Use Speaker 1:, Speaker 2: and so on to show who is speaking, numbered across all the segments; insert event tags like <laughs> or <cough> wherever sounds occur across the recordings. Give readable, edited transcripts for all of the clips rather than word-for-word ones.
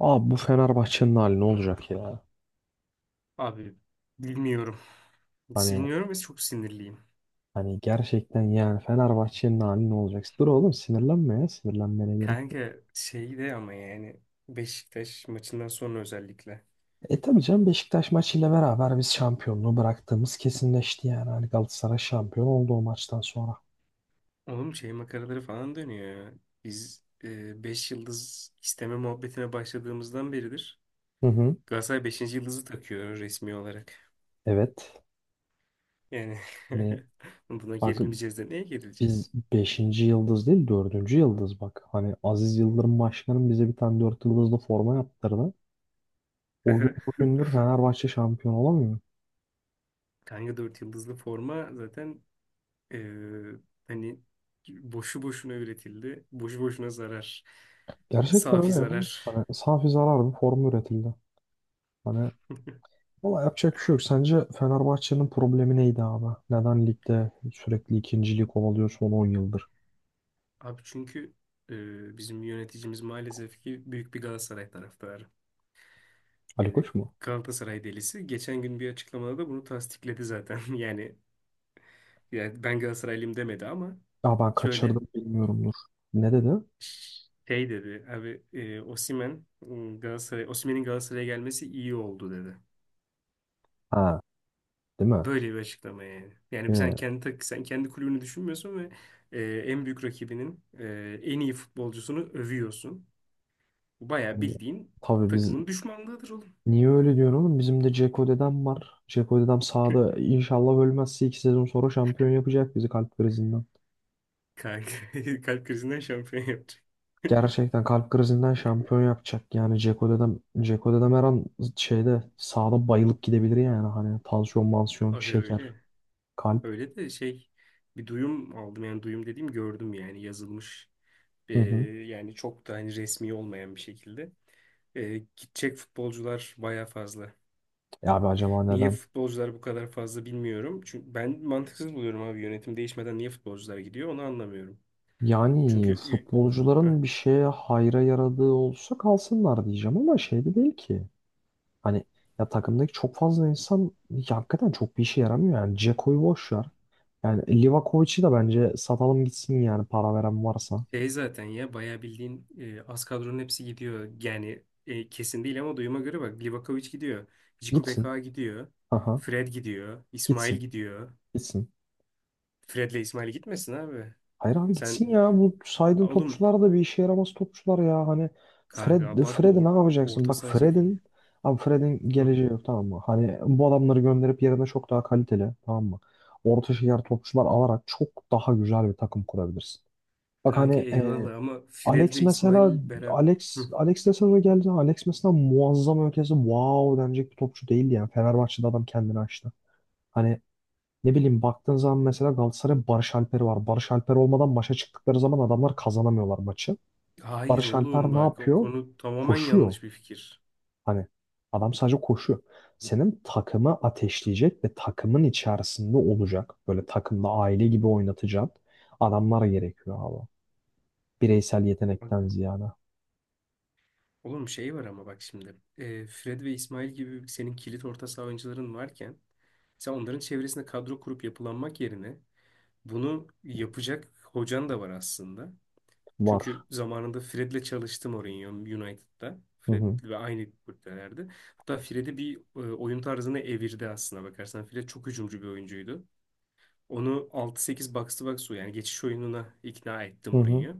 Speaker 1: Abi bu Fenerbahçe'nin hali ne olacak ya?
Speaker 2: Abi bilmiyorum.
Speaker 1: Hani
Speaker 2: Siniyorum ve çok sinirliyim.
Speaker 1: hani gerçekten yani Fenerbahçe'nin hali ne olacak? Dur oğlum sinirlenme ya. Sinirlenmene gerek yok.
Speaker 2: Kanka şey de ama yani Beşiktaş maçından sonra özellikle.
Speaker 1: E tabii canım Beşiktaş maçıyla beraber biz şampiyonluğu bıraktığımız kesinleşti yani. Hani Galatasaray şampiyon oldu o maçtan sonra.
Speaker 2: Oğlum şey makaraları falan dönüyor ya. Biz 5 yıldız isteme muhabbetine başladığımızdan beridir.
Speaker 1: Hı hı.
Speaker 2: Galatasaray beşinci yıldızı takıyor resmi olarak.
Speaker 1: Evet.
Speaker 2: Yani
Speaker 1: Hani
Speaker 2: <laughs> buna
Speaker 1: bak
Speaker 2: gerilmeyeceğiz de neye gerileceğiz?
Speaker 1: biz beşinci yıldız değil dördüncü yıldız bak. Hani Aziz Yıldırım Başkanım bize bir tane 4 yıldızlı forma yaptırdı. O gün
Speaker 2: <laughs>
Speaker 1: bugündür Fenerbahçe şampiyon olamıyor.
Speaker 2: Kanka 4 yıldızlı forma zaten Ee, hani boşu boşuna üretildi. Boşu boşuna zarar. Yani
Speaker 1: Gerçekten
Speaker 2: safi
Speaker 1: öyle yani.
Speaker 2: zarar.
Speaker 1: Hani safi zarar bir form üretildi. Hani valla yapacak bir şey yok. Sence Fenerbahçe'nin problemi neydi abi? Neden ligde sürekli ikinciliği kovalıyor son 10 yıldır?
Speaker 2: Abi çünkü bizim yöneticimiz maalesef ki büyük bir Galatasaray taraftarı.
Speaker 1: Ali
Speaker 2: Yani
Speaker 1: Koç mu?
Speaker 2: Galatasaray delisi. Geçen gün bir açıklamada da bunu tasdikledi zaten. <laughs> Yani, ben Galatasaraylıyım demedi ama
Speaker 1: Ya ben
Speaker 2: şöyle
Speaker 1: kaçırdım bilmiyorumdur. Ne dedi?
Speaker 2: şey dedi. Abi Osimhen, Galatasaray, Osimhen'in Galatasaray'a gelmesi iyi oldu dedi.
Speaker 1: Ha, değil mi?
Speaker 2: Böyle bir açıklama yani. Yani sen
Speaker 1: Yine
Speaker 2: sen kendi kulübünü düşünmüyorsun ve e, en büyük rakibinin en iyi futbolcusunu övüyorsun. Bu bayağı
Speaker 1: hani
Speaker 2: bildiğin
Speaker 1: tabii biz
Speaker 2: takımın düşmanlığıdır oğlum.
Speaker 1: niye öyle diyorum oğlum? Bizim de Ceko dedem var. Ceko dedem sahada inşallah ölmezse 2 sezon sonra şampiyon yapacak bizi kalp krizinden.
Speaker 2: Kalp, <laughs> kalp krizinden şampiyon yapacak.
Speaker 1: Gerçekten kalp krizinden şampiyon yapacak. Yani Ceko'da da, Dzeko'da da her an şeyde sağda bayılıp gidebilir yani. Hani tansiyon, mansiyon,
Speaker 2: Aga
Speaker 1: şeker,
Speaker 2: öyle.
Speaker 1: kalp.
Speaker 2: Öyle de şey bir duyum aldım yani duyum dediğim gördüm yani yazılmış. E,
Speaker 1: Hı hı.
Speaker 2: yani çok da hani resmi olmayan bir şekilde. Gidecek futbolcular baya fazla.
Speaker 1: E abi acaba
Speaker 2: Niye
Speaker 1: neden?
Speaker 2: futbolcular bu kadar fazla bilmiyorum. Çünkü ben mantıksız buluyorum abi yönetim değişmeden niye futbolcular gidiyor onu anlamıyorum.
Speaker 1: Yani
Speaker 2: Çünkü y- Heh,
Speaker 1: futbolcuların bir şeye hayra yaradığı olsa kalsınlar diyeceğim ama şey de değil ki. Hani ya takımdaki çok fazla insan ya hakikaten çok bir işe yaramıyor yani. Ceko'yu boş ver. Yani Livakovic'i de bence satalım gitsin yani para veren varsa.
Speaker 2: şey zaten ya bayağı bildiğin az kadronun hepsi gidiyor. Yani kesin değil ama duyuma göre bak Livakovic gidiyor. Ciku
Speaker 1: Gitsin.
Speaker 2: Beka gidiyor.
Speaker 1: Aha.
Speaker 2: Fred gidiyor. İsmail
Speaker 1: Gitsin.
Speaker 2: gidiyor.
Speaker 1: Gitsin.
Speaker 2: Fred'le İsmail gitmesin abi.
Speaker 1: Hayır abi
Speaker 2: Sen
Speaker 1: gitsin ya. Bu saydığın
Speaker 2: oğlum
Speaker 1: topçular da bir işe yaramaz topçular ya. Hani
Speaker 2: kanka
Speaker 1: Fred, Fred'i ne yapacaksın?
Speaker 2: orta
Speaker 1: Bak
Speaker 2: saha çekirdeği.
Speaker 1: Fred'in abi Fred'in
Speaker 2: Hı.
Speaker 1: geleceği yok, tamam mı? Hani bu adamları gönderip yerine çok daha kaliteli, tamam mı? Orta şeker topçular alarak çok daha güzel bir takım kurabilirsin. Bak
Speaker 2: Kanka
Speaker 1: hani
Speaker 2: eyvallah ama Fred
Speaker 1: Alex
Speaker 2: ve
Speaker 1: mesela
Speaker 2: İsmail beraber.
Speaker 1: Alex de sezona geldi. Alex mesela muazzam ötesi wow denecek bir topçu değildi yani. Fenerbahçe'de adam kendini açtı. Hani ne bileyim, baktığın zaman mesela Galatasaray'ın Barış Alper'i var. Barış Alper olmadan maça çıktıkları zaman adamlar kazanamıyorlar maçı.
Speaker 2: Hayır
Speaker 1: Barış
Speaker 2: oğlum
Speaker 1: Alper ne
Speaker 2: bak o
Speaker 1: yapıyor?
Speaker 2: konu tamamen
Speaker 1: Koşuyor.
Speaker 2: yanlış bir fikir.
Speaker 1: Hani adam sadece koşuyor. Senin takımı ateşleyecek ve takımın içerisinde olacak. Böyle takımda aile gibi oynatacak adamlar gerekiyor abi. Bireysel
Speaker 2: Bak,
Speaker 1: yetenekten ziyade.
Speaker 2: oğlum şey var ama bak şimdi. Fred ve İsmail gibi senin kilit orta saha oyuncuların varken sen onların çevresinde kadro kurup yapılanmak yerine bunu yapacak hocan da var aslında. Çünkü
Speaker 1: Var.
Speaker 2: zamanında Fred'le çalıştım Mourinho United'da.
Speaker 1: Hı
Speaker 2: Fred
Speaker 1: hı.
Speaker 2: ve aynı kulüplerde. Hatta Fred'i bir oyun tarzını evirdi aslında bakarsan. Fred çok hücumcu bir oyuncuydu. Onu 6-8 box to box yani geçiş oyununa ikna ettim
Speaker 1: Hı hı.
Speaker 2: Mourinho.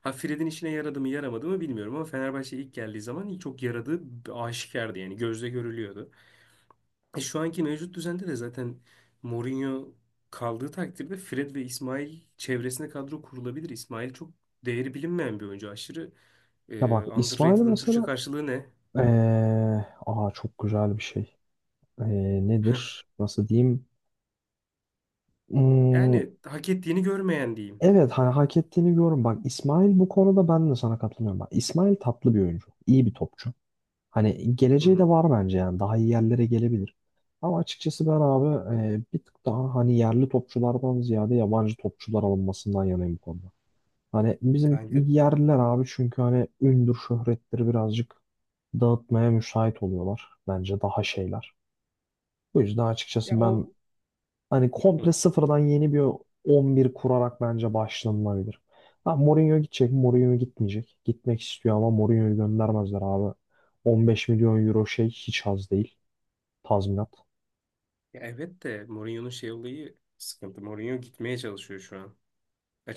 Speaker 2: Ha Fred'in işine yaradı mı yaramadı mı bilmiyorum ama Fenerbahçe ilk geldiği zaman çok yaradığı aşikardı yani gözle görülüyordu. Şu anki mevcut düzende de zaten Mourinho kaldığı takdirde Fred ve İsmail çevresine kadro kurulabilir. İsmail çok değeri bilinmeyen bir oyuncu. Aşırı
Speaker 1: Ya bak İsmail
Speaker 2: underrated'ın Türkçe
Speaker 1: mesela
Speaker 2: karşılığı ne?
Speaker 1: ee, aa çok güzel bir şey. Ee,
Speaker 2: <laughs>
Speaker 1: nedir? Nasıl diyeyim? Hmm.
Speaker 2: Yani hak ettiğini görmeyen diyeyim.
Speaker 1: Evet, hani hak ettiğini görüyorum. Bak İsmail bu konuda ben de sana katılmıyorum. Bak İsmail tatlı bir oyuncu. İyi bir topçu. Hani
Speaker 2: Hı
Speaker 1: geleceği de
Speaker 2: hı.
Speaker 1: var bence yani. Daha iyi yerlere gelebilir. Ama açıkçası ben abi bir tık daha hani yerli topçulardan ziyade yabancı topçular alınmasından yanayım bu konuda. Hani bizim
Speaker 2: Kanka
Speaker 1: yerliler abi çünkü hani ündür şöhretleri birazcık dağıtmaya müsait oluyorlar. Bence daha şeyler. Bu yüzden
Speaker 2: ya
Speaker 1: açıkçası ben
Speaker 2: o.
Speaker 1: hani
Speaker 2: Hı.
Speaker 1: komple sıfırdan yeni bir 11 kurarak bence başlanılabilir. Ha, Mourinho gidecek, Mourinho gitmeyecek. Gitmek istiyor ama Mourinho'yu göndermezler abi. 15 milyon euro şey hiç az değil. Tazminat.
Speaker 2: Ya evet de Mourinho'nun şey olayı sıkıntı. Mourinho gitmeye çalışıyor şu an.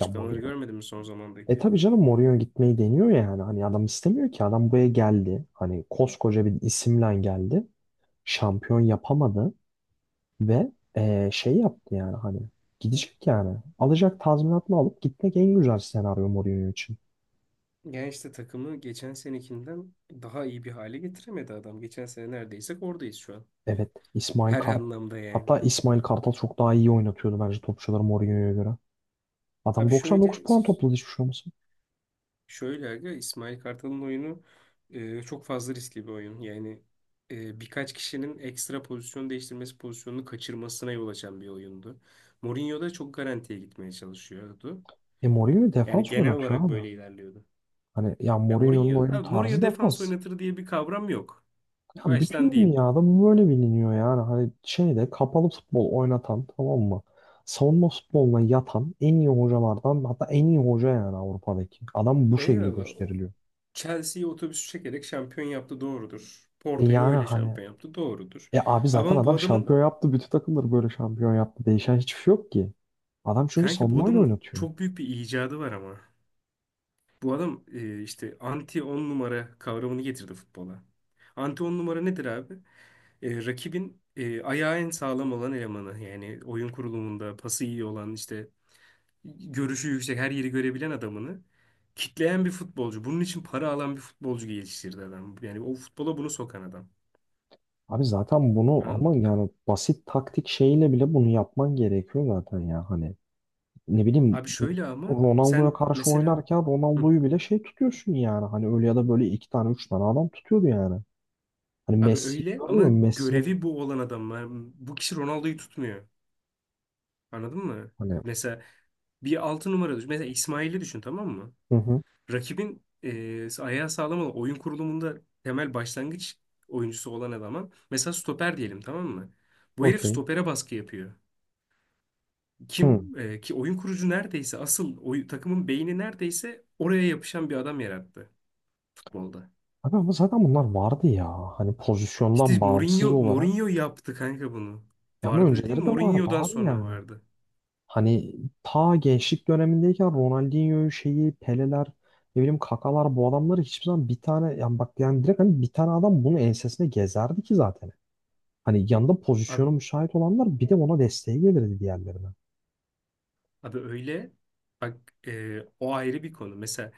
Speaker 1: Ya Mourinho.
Speaker 2: görmedin mi son
Speaker 1: E
Speaker 2: zamandaki?
Speaker 1: tabii canım Mourinho gitmeyi deniyor ya yani. Hani adam istemiyor ki. Adam buraya geldi. Hani koskoca bir isimle geldi. Şampiyon yapamadı. Ve şey yaptı yani hani. Gidecek yani. Alacak tazminatını alıp gitmek en güzel senaryo Mourinho için.
Speaker 2: Yani işte takımı geçen senekinden daha iyi bir hale getiremedi adam. Geçen sene neredeysek oradayız şu an.
Speaker 1: Evet. İsmail
Speaker 2: Her
Speaker 1: Kart.
Speaker 2: anlamda yani.
Speaker 1: Hatta İsmail Kartal çok daha iyi oynatıyordu bence topçuları Mourinho'ya göre. Adam
Speaker 2: Abi
Speaker 1: 99
Speaker 2: şöyle
Speaker 1: puan topladı, hiçbir şey olmasın.
Speaker 2: şöyle aga İsmail Kartal'ın oyunu çok fazla riskli bir oyun. Yani birkaç kişinin ekstra pozisyon değiştirmesi pozisyonunu kaçırmasına yol açan bir oyundu. Mourinho da çok garantiye gitmeye çalışıyordu.
Speaker 1: E Mourinho
Speaker 2: Yani
Speaker 1: defans
Speaker 2: genel
Speaker 1: oynatıyor
Speaker 2: olarak
Speaker 1: abi.
Speaker 2: böyle ilerliyordu.
Speaker 1: Hani ya
Speaker 2: Ya
Speaker 1: Mourinho'nun
Speaker 2: Mourinho,
Speaker 1: oyun
Speaker 2: abi
Speaker 1: tarzı
Speaker 2: Mourinho defans
Speaker 1: defans.
Speaker 2: oynatır diye bir kavram yok.
Speaker 1: Ya
Speaker 2: Baştan
Speaker 1: bütün
Speaker 2: diyeyim.
Speaker 1: dünyada bu böyle biliniyor yani. Hani şeyde kapalı futbol oynatan, tamam mı? Savunma futboluna yatan en iyi hocalardan, hatta en iyi hoca yani Avrupa'daki. Adam bu şekilde
Speaker 2: Eyvallah.
Speaker 1: gösteriliyor.
Speaker 2: Chelsea'yi otobüsü çekerek şampiyon yaptı doğrudur.
Speaker 1: E
Speaker 2: Porto'yu
Speaker 1: yani
Speaker 2: öyle
Speaker 1: hani.
Speaker 2: şampiyon yaptı doğrudur.
Speaker 1: E abi zaten
Speaker 2: Ama bu
Speaker 1: adam
Speaker 2: adamın
Speaker 1: şampiyon yaptı. Bütün takımları böyle şampiyon yaptı. Değişen hiçbir şey yok ki. Adam çünkü
Speaker 2: kanka bu
Speaker 1: savunmayla
Speaker 2: adamın
Speaker 1: oynatıyor.
Speaker 2: çok büyük bir icadı var ama. Bu adam işte anti 10 numara kavramını getirdi futbola. Anti 10 numara nedir abi? Rakibin ayağı en sağlam olan elemanı. Yani oyun kurulumunda pası iyi olan işte görüşü yüksek, her yeri görebilen adamını kitleyen bir futbolcu. Bunun için para alan bir futbolcu geliştirdi adam. Yani o futbola bunu sokan adam.
Speaker 1: Abi zaten bunu
Speaker 2: Anladın mı?
Speaker 1: ama yani basit taktik şeyiyle bile bunu yapman gerekiyor zaten ya. Hani ne bileyim,
Speaker 2: Abi şöyle ama
Speaker 1: Ronaldo'ya
Speaker 2: sen
Speaker 1: karşı
Speaker 2: mesela
Speaker 1: oynarken
Speaker 2: hı,
Speaker 1: Ronaldo'yu bile şey tutuyorsun yani. Hani öyle ya da böyle iki tane üç tane adam tutuyordu yani. Hani
Speaker 2: abi
Speaker 1: Messi
Speaker 2: öyle ama
Speaker 1: görüyor musun? Messi'nin
Speaker 2: görevi bu olan adam. Yani bu kişi Ronaldo'yu tutmuyor. Anladın mı?
Speaker 1: hani.
Speaker 2: Mesela bir altı numara düşün. Mesela İsmail'i düşün tamam mı?
Speaker 1: Hı hı.
Speaker 2: Rakibin ayağı sağlam olan oyun kurulumunda temel başlangıç oyuncusu olan adama mesela stoper diyelim tamam mı? Bu herif
Speaker 1: Okey.
Speaker 2: stopere baskı yapıyor.
Speaker 1: Hı.
Speaker 2: Ki oyun kurucu neredeyse takımın beyni neredeyse oraya yapışan bir adam yarattı futbolda.
Speaker 1: Abi ama zaten bunlar vardı ya. Hani
Speaker 2: İşte
Speaker 1: pozisyondan bağımsız
Speaker 2: Mourinho
Speaker 1: olarak.
Speaker 2: Mourinho yaptı kanka bunu.
Speaker 1: Ya ama
Speaker 2: Vardı
Speaker 1: önceleri
Speaker 2: dediğin
Speaker 1: de vardı
Speaker 2: Mourinho'dan
Speaker 1: abi
Speaker 2: sonra
Speaker 1: yani.
Speaker 2: vardı.
Speaker 1: Hani ta gençlik dönemindeyken Ronaldinho şeyi, Peleler, ne bileyim Kakalar, bu adamları hiçbir zaman bir tane yani bak yani direkt hani bir tane adam bunu ensesine gezerdi ki zaten. Hani yanında
Speaker 2: Abi,
Speaker 1: pozisyonu müsait olanlar bir de ona desteğe gelirdi diğerlerine.
Speaker 2: abi öyle bak o ayrı bir konu. Mesela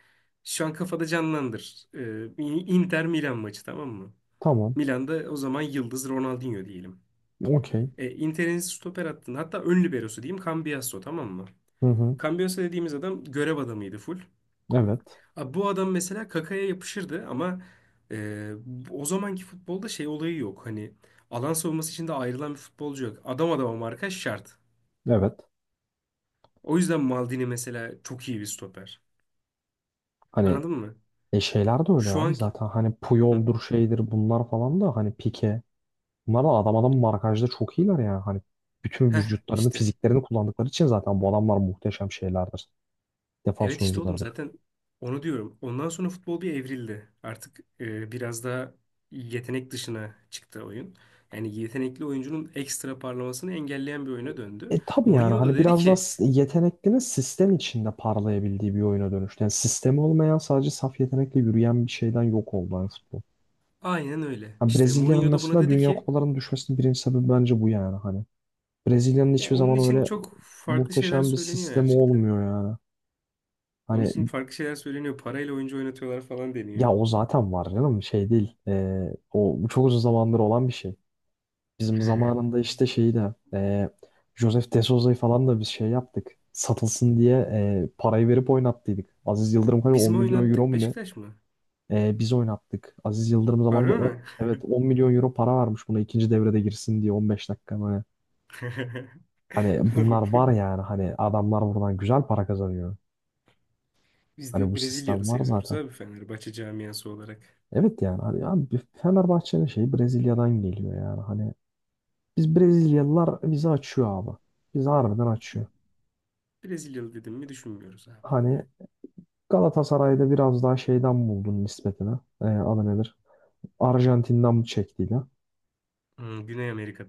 Speaker 2: şu an kafada canlandır. Inter Milan maçı tamam mı?
Speaker 1: Tamam.
Speaker 2: Milan'da o zaman yıldız Ronaldinho diyelim.
Speaker 1: Okey.
Speaker 2: Inter'in stoper hattında hatta ön liberosu diyeyim Cambiasso tamam mı?
Speaker 1: Hı hı.
Speaker 2: Cambiasso dediğimiz adam görev adamıydı full.
Speaker 1: Evet.
Speaker 2: Abi bu adam mesela Kaka'ya yapışırdı ama e, o zamanki futbolda şey olayı yok. Hani alan savunması için de ayrılan bir futbolcu yok. Adam adama markaj şart.
Speaker 1: Evet.
Speaker 2: O yüzden Maldini mesela çok iyi bir stoper.
Speaker 1: Hani
Speaker 2: Anladın mı?
Speaker 1: şeyler de öyle
Speaker 2: Şu
Speaker 1: abi,
Speaker 2: anki...
Speaker 1: zaten hani
Speaker 2: Hı.
Speaker 1: Puyol'dur şeydir bunlar falan da hani Pique. Bunlar da adam adam markajda çok iyiler yani. Hani bütün
Speaker 2: Heh
Speaker 1: vücutlarını,
Speaker 2: işte.
Speaker 1: fiziklerini kullandıkları için zaten bu adamlar muhteşem şeylerdir.
Speaker 2: Evet
Speaker 1: Defans
Speaker 2: işte oğlum
Speaker 1: oyuncularıdır.
Speaker 2: zaten onu diyorum. Ondan sonra futbol bir evrildi. Artık biraz daha yetenek dışına çıktı oyun. Yani yetenekli oyuncunun ekstra parlamasını engelleyen bir oyuna döndü.
Speaker 1: E tabii yani
Speaker 2: Mourinho da
Speaker 1: hani
Speaker 2: dedi
Speaker 1: biraz da
Speaker 2: ki
Speaker 1: yeteneklinin sistem içinde parlayabildiği bir oyuna dönüştü. Yani sistemi olmayan sadece saf yetenekle yürüyen bir şeyden yok oldu, hani futbol.
Speaker 2: aynen öyle.
Speaker 1: Yani
Speaker 2: İşte
Speaker 1: Brezilya'nın
Speaker 2: Mourinho da buna
Speaker 1: mesela
Speaker 2: dedi
Speaker 1: Dünya
Speaker 2: ki
Speaker 1: Kupalarının düşmesinin birinci sebebi bence bu yani hani. Brezilya'nın
Speaker 2: ya
Speaker 1: hiçbir
Speaker 2: onun
Speaker 1: zaman
Speaker 2: için
Speaker 1: öyle
Speaker 2: çok farklı şeyler
Speaker 1: muhteşem bir
Speaker 2: söyleniyor
Speaker 1: sistemi
Speaker 2: Ercik de.
Speaker 1: olmuyor yani.
Speaker 2: Onun
Speaker 1: Hani
Speaker 2: için farklı şeyler söyleniyor. Parayla oyuncu oynatıyorlar falan deniyor.
Speaker 1: ya o zaten var canım, şey değil. E, o çok uzun zamandır olan bir şey. Bizim zamanında işte şeyi de Joseph De Souza'yı falan da biz şey yaptık. Satılsın diye parayı verip oynattıydık. Aziz Yıldırım kadar
Speaker 2: Biz
Speaker 1: 10
Speaker 2: mi
Speaker 1: milyon euro
Speaker 2: oynattık
Speaker 1: mu ne?
Speaker 2: Beşiktaş mı?
Speaker 1: E, biz oynattık. Aziz Yıldırım zamanında
Speaker 2: Harbi
Speaker 1: 10,
Speaker 2: mi?
Speaker 1: evet 10 milyon euro para vermiş buna ikinci devrede girsin diye 15 dakika böyle. Hani bunlar var
Speaker 2: <laughs>
Speaker 1: yani hani adamlar buradan güzel para kazanıyor.
Speaker 2: Biz
Speaker 1: Hani
Speaker 2: de
Speaker 1: bu
Speaker 2: Brezilyalı
Speaker 1: sistem var
Speaker 2: seviyoruz
Speaker 1: zaten.
Speaker 2: abi Fenerbahçe camiası olarak.
Speaker 1: Evet yani hani abi Fenerbahçe'nin şeyi Brezilya'dan geliyor yani hani biz Brezilyalılar bizi açıyor abi. Bizi harbiden açıyor.
Speaker 2: Brezilyalı dedim mi düşünmüyoruz abi.
Speaker 1: Hani Galatasaray'da biraz daha şeyden buldun nispetine. E, adı nedir? Arjantin'den bu çektiğiyle.
Speaker 2: Güney Amerika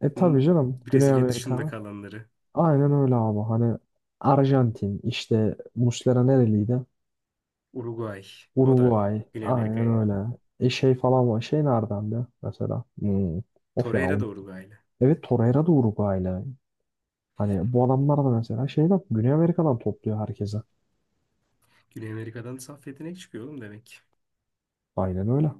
Speaker 1: E tabii canım Güney
Speaker 2: Brezilya dışında
Speaker 1: Amerika.
Speaker 2: kalanları.
Speaker 1: Aynen öyle abi. Hani Arjantin işte Muslera nereliydi?
Speaker 2: Uruguay. O da
Speaker 1: Uruguay.
Speaker 2: Güney Amerika
Speaker 1: Aynen
Speaker 2: yani.
Speaker 1: öyle. E şey falan var. Şey nereden de mesela? Hmm. Of ya
Speaker 2: Torreira
Speaker 1: onu.
Speaker 2: da Uruguaylı.
Speaker 1: Evet Torreira da Uruguaylı. Hani bu adamlar da mesela şeyden Güney Amerika'dan topluyor herkese.
Speaker 2: Güney Amerika'dan saf yetenek çıkıyor oğlum demek.
Speaker 1: Aynen öyle.